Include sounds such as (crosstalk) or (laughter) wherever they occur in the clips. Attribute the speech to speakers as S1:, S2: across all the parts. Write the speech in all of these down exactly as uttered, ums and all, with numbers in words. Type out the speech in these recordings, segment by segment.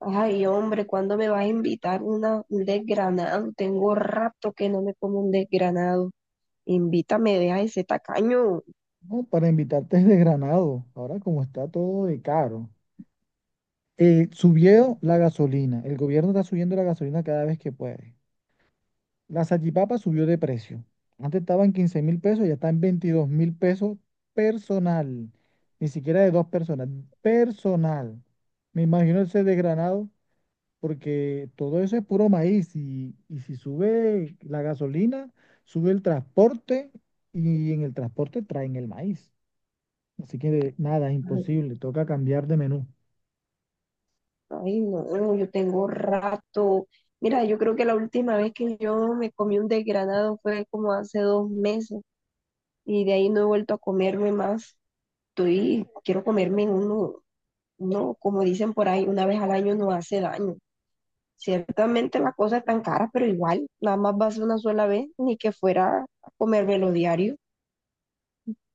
S1: Ay, hombre, ¿cuándo me vas a invitar una, un desgranado? Tengo rato que no me como un desgranado. Invítame, deja ese tacaño.
S2: No, para invitarte es de Granado. Ahora como está todo de caro. Eh, subió la gasolina. El gobierno está subiendo la gasolina cada vez que puede. La salchipapa subió de precio. Antes estaba en quince mil pesos, ya está en veintidós mil pesos personal. Ni siquiera de dos personas. Personal. Me imagino el ser de Granado, porque todo eso es puro maíz. Y, y si sube la gasolina, sube el transporte y en el transporte traen el maíz. Así que nada, imposible, toca cambiar de menú.
S1: Ay, no, yo tengo rato. Mira, yo creo que la última vez que yo me comí un desgranado fue como hace dos meses y de ahí no he vuelto a comerme más. Estoy, quiero comerme uno, no, como dicen por ahí, una vez al año no hace daño. Ciertamente las cosas están caras, pero igual, nada más va a ser una sola vez, ni que fuera a comérmelo diario.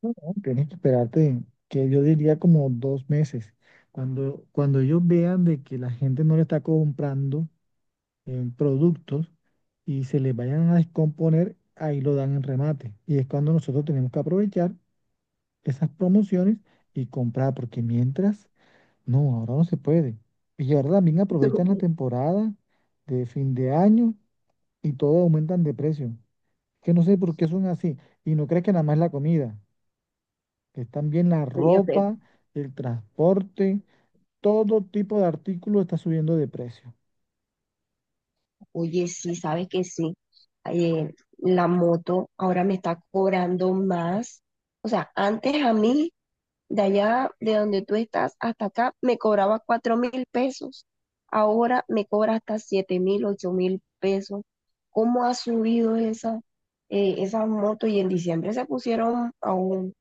S2: No, no, tienes que esperarte, que yo diría como dos meses. Cuando, cuando ellos vean de que la gente no le está comprando eh, productos y se les vayan a descomponer, ahí lo dan en remate. Y es cuando nosotros tenemos que aprovechar esas promociones y comprar, porque mientras, no, ahora no se puede. Y ahora también aprovechan la
S1: (laughs)
S2: temporada de fin de año y todo aumentan de precio, que no sé por qué son así. Y no crees que nada más la comida, que están bien la
S1: Fíjate.
S2: ropa, el transporte, todo tipo de artículos está subiendo de precio.
S1: Oye, sí, sabes que sí. Eh, la moto ahora me está cobrando más. O sea, antes a mí, de allá de donde tú estás hasta acá, me cobraba cuatro mil pesos. Ahora me cobra hasta siete mil, ocho mil pesos. ¿Cómo ha subido esa, eh, esas motos? Y en diciembre se pusieron aún,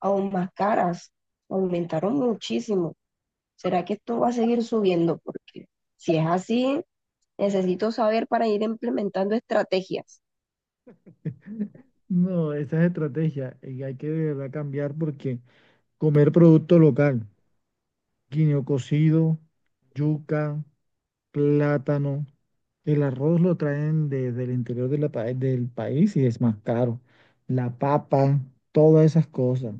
S1: aún más caras. Aumentaron muchísimo. ¿Será que esto va a seguir subiendo? Porque si es así, necesito saber para ir implementando estrategias.
S2: No, esa es estrategia y hay que de verdad cambiar porque comer producto local, guineo cocido, yuca, plátano, el arroz lo traen desde el interior de la pa- del país y es más caro. La papa, todas esas cosas.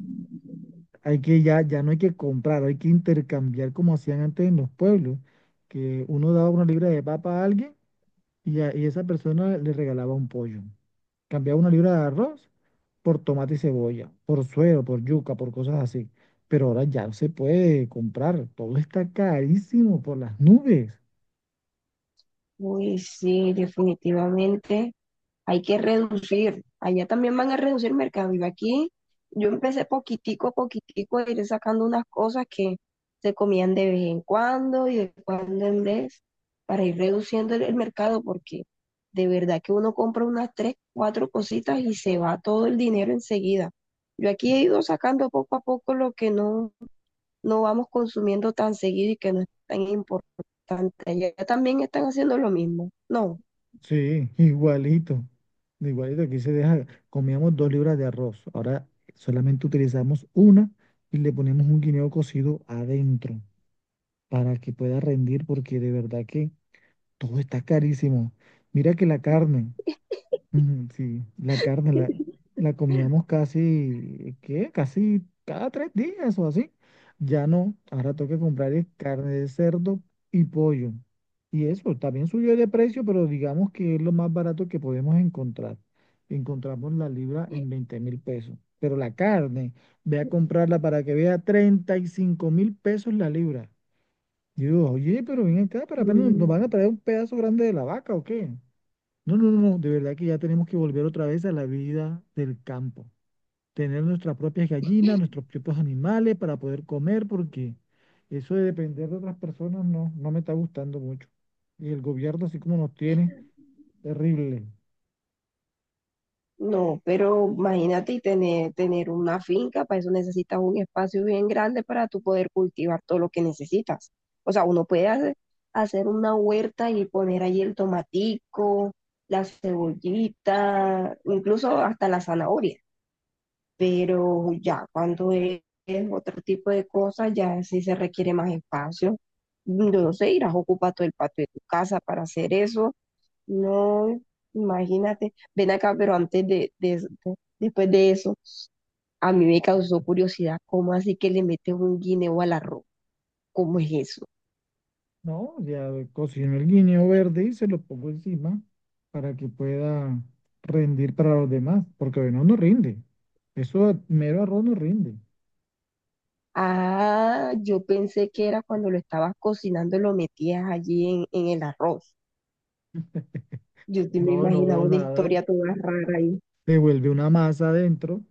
S2: Hay que ya, ya no hay que comprar, hay que intercambiar como hacían antes en los pueblos, que uno daba una libra de papa a alguien y, a- y esa persona le regalaba un pollo. Cambiaba una libra de arroz por tomate y cebolla, por suero, por yuca, por cosas así. Pero ahora ya no se puede comprar, todo está carísimo por las nubes.
S1: Uy, sí, definitivamente hay que reducir. Allá también van a reducir mercado. Y aquí yo empecé poquitico a poquitico a ir sacando unas cosas que se comían de vez en cuando y de cuando en vez para ir reduciendo el, el mercado, porque de verdad que uno compra unas tres, cuatro cositas y se va todo el dinero enseguida. Yo aquí he ido sacando poco a poco lo que no no vamos consumiendo tan seguido y que no es tan importante. Allá también están haciendo lo mismo. No.
S2: Sí, igualito, igualito, aquí se deja, comíamos dos libras de arroz, ahora solamente utilizamos una y le ponemos un guineo cocido adentro, para que pueda rendir, porque de verdad que todo está carísimo. Mira que la carne, ujú, sí, la carne la, la comíamos casi, ¿qué? Casi cada tres días o así. Ya no, ahora toca comprar es carne de cerdo y pollo. Y eso también subió de precio, pero digamos que es lo más barato que podemos encontrar. Encontramos la libra en veinte mil pesos. Pero la carne, ve a comprarla para que vea treinta y cinco mil pesos la libra. Y yo, oye, pero ven acá, para apenas nos nos
S1: Mm,
S2: van a traer un pedazo grande de la vaca o qué. No, no, no, de verdad que ya tenemos que volver otra vez a la vida del campo. Tener nuestras propias gallinas, nuestros propios animales para poder comer, porque eso de depender de otras personas no, no me está gustando mucho. Y el gobierno, así como nos tiene, terrible.
S1: no, pero imagínate, y tener, tener una finca, para eso necesitas un espacio bien grande para tú poder cultivar todo lo que necesitas. O sea, uno puede hacer, hacer una huerta y poner allí el tomatico, la cebollita, incluso hasta la zanahoria, pero ya cuando es, es otro tipo de cosas, ya sí se requiere más espacio. Yo no sé, irás a ocupar todo el patio de tu casa para hacer eso. No, imagínate. Ven acá, pero antes de, de eso- de- después de eso, a mí me causó curiosidad, ¿cómo así que le metes un guineo al arroz? ¿Cómo es eso?
S2: No, ya cocino el guineo verde y se lo pongo encima para que pueda rendir para los demás, porque no, no rinde. Eso mero arroz no rinde.
S1: Ah, yo pensé que era cuando lo estabas cocinando, lo metías allí en, en el arroz. Yo sí me
S2: No,
S1: imaginaba
S2: no,
S1: una
S2: nada,
S1: historia toda rara ahí.
S2: se vuelve una masa adentro,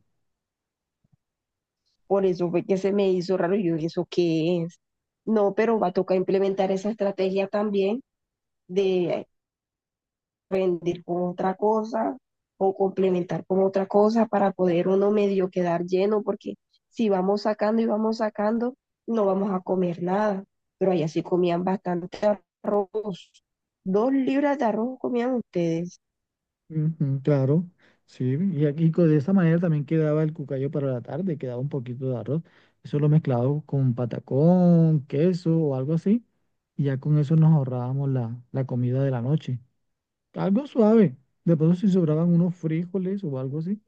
S1: Por eso fue que se me hizo raro. Yo dije, ¿eso qué es? No, pero va a tocar implementar esa estrategia también, de rendir con otra cosa o complementar con otra cosa para poder uno medio quedar lleno, porque si vamos sacando y vamos sacando, no vamos a comer nada. Pero allá sí comían bastante arroz. Dos libras de arroz comían ustedes.
S2: ujú, claro, sí, y aquí co- de esa manera también quedaba el cucayo para la tarde, quedaba un poquito de arroz, eso lo mezclado con patacón, queso o algo así, y ya con eso nos ahorrábamos la, la comida de la noche, algo suave, de pronto si sobraban unos frijoles o algo así,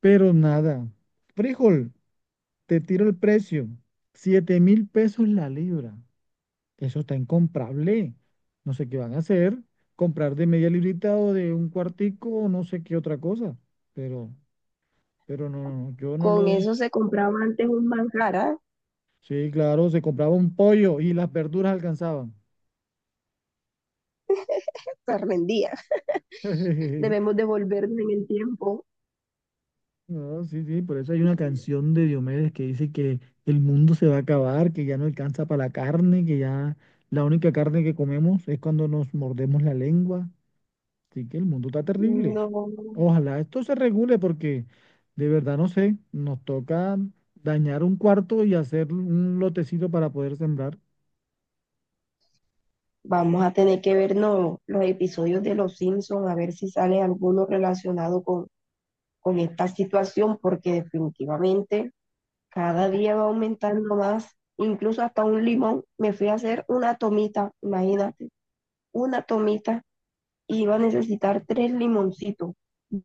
S2: pero nada, frijol, te tiro el precio, siete mil pesos la libra. Eso está incomprable. No sé qué van a hacer. Comprar de media librita o de un cuartico o no sé qué otra cosa. Pero, pero no, no, no, yo no
S1: Con
S2: lo.
S1: eso se compraba antes un manjar, ¿ah?
S2: Sí, claro, se compraba un pollo y las verduras alcanzaban.
S1: Se rendía. (laughs)
S2: (laughs)
S1: Debemos devolvernos en el tiempo.
S2: No, sí, sí, por eso hay una canción de Diomedes que dice que el mundo se va a acabar, que ya no alcanza para la carne, que ya la única carne que comemos es cuando nos mordemos la lengua. Así que el mundo está terrible.
S1: No,
S2: Ojalá esto se regule porque de verdad no sé, nos toca dañar un cuarto y hacer un lotecito para poder sembrar.
S1: vamos a tener que vernos los episodios de Los Simpsons, a ver si sale alguno relacionado con, con esta situación, porque definitivamente cada día va aumentando más, incluso hasta un limón. Me fui a hacer una tomita, imagínate, una tomita, y iba a necesitar tres limoncitos.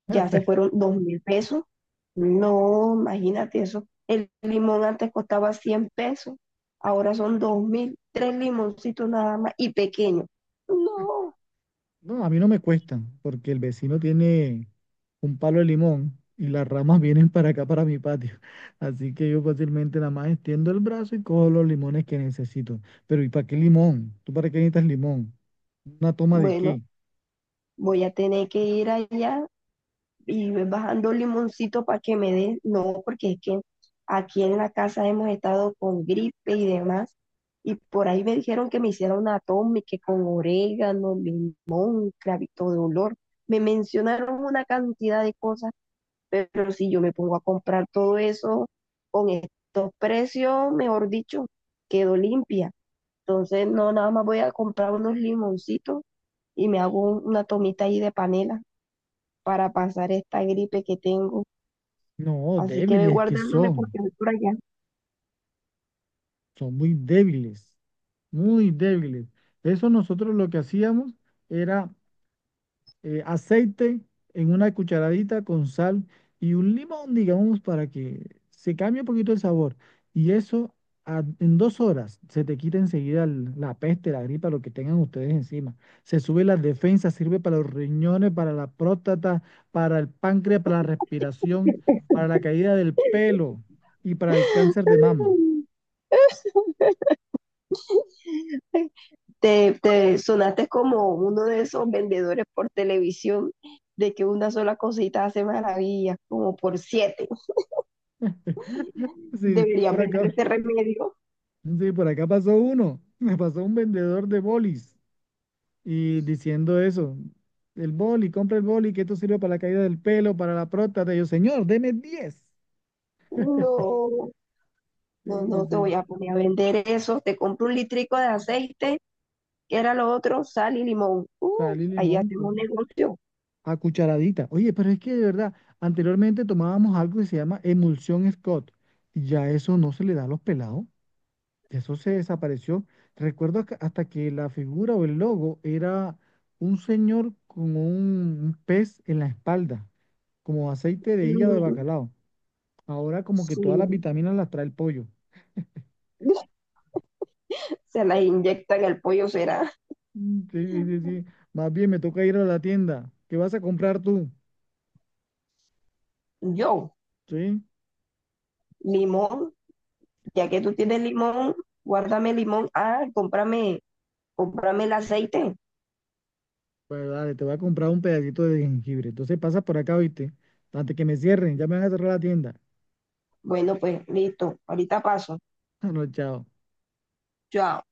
S1: Ya se fueron dos mil pesos. No, imagínate eso. El limón antes costaba cien pesos, ahora son dos mil, tres limoncitos nada más y pequeños. No.
S2: No, a mí no me cuesta porque el vecino tiene un palo de limón y las ramas (laughs) vienen para acá, para mi patio. (laughs) Así que yo fácilmente nada más extiendo el brazo y cojo los limones que necesito. Pero ¿y para qué limón? ¿Tú para qué necesitas limón? ¿Una toma de
S1: Bueno,
S2: qué?
S1: voy a tener que ir allá y ir bajando el limoncito para que me dé. No, porque es que aquí en la casa hemos estado con gripe y demás. Y por ahí me dijeron que me hiciera una toma y que con orégano, limón, clavito de olor. Me mencionaron una cantidad de cosas, pero si yo me pongo a comprar todo eso con estos precios, mejor dicho, quedo limpia. Entonces, no, nada más voy a comprar unos limoncitos y me hago un- una tomita ahí de panela para pasar esta gripe que tengo.
S2: No,
S1: Así que ve
S2: débiles que
S1: guardándome
S2: son.
S1: porque voy por allá.
S2: Son muy débiles, muy débiles. Eso nosotros lo que hacíamos era eh, aceite en una cucharadita con sal y un limón, digamos, para que se cambie un poquito el sabor. Y eso a- en dos horas se te quita enseguida el- la peste, la gripa, lo que tengan ustedes encima. Se sube las defensas, sirve para los riñones, para la próstata, para el páncreas, para la respiración, para la caída del pelo y para el cáncer de mama.
S1: Te, te sonaste como uno de esos vendedores por televisión, de que una sola cosita hace maravillas, como por siete.
S2: Sí,
S1: Deberías
S2: por
S1: vender
S2: acá,
S1: ese remedio.
S2: sí, por acá pasó uno. (laughs) Me pasó un vendedor de bolis, y diciendo eso, el boli, compra el boli, que esto sirve para la caída del pelo, para la próstata. Y yo, señor, deme diez. (laughs)
S1: No,
S2: Sí,
S1: no,
S2: sí,
S1: no te voy
S2: sí.
S1: a poner a vender eso. Te compro un litrico de aceite, que era lo otro, sal y limón. Uf,
S2: Sal y
S1: ahí
S2: limón
S1: hacemos un
S2: cu-
S1: negocio.
S2: a cucharadita. Oye, pero es que de verdad, anteriormente tomábamos algo que se llama emulsión Scott, y ya eso no se le da a los pelados. Eso se desapareció. Recuerdo que- hasta que la figura o el logo era un señor con un un pez en la espalda, como aceite de hígado de
S1: Mm,
S2: bacalao. Ahora como que todas
S1: sí.
S2: las vitaminas las trae el pollo.
S1: (laughs) Se las inyecta en el pollo, será.
S2: Mm, sí, sí, sí, sí. Más bien me toca ir a la tienda. ¿Qué vas a comprar tú?
S1: Yo,
S2: Sí.
S1: limón, ya que tú tienes limón, guárdame limón, ah, cómprame, cómprame el aceite.
S2: Pues dale, te voy a comprar un pedacito de jengibre. Entonces pasa por acá, ¿viste? Antes que me cierren, ya me van a cerrar la tienda.
S1: Bueno, pues listo, ahorita paso,
S2: (laughs) No, chao.
S1: chao.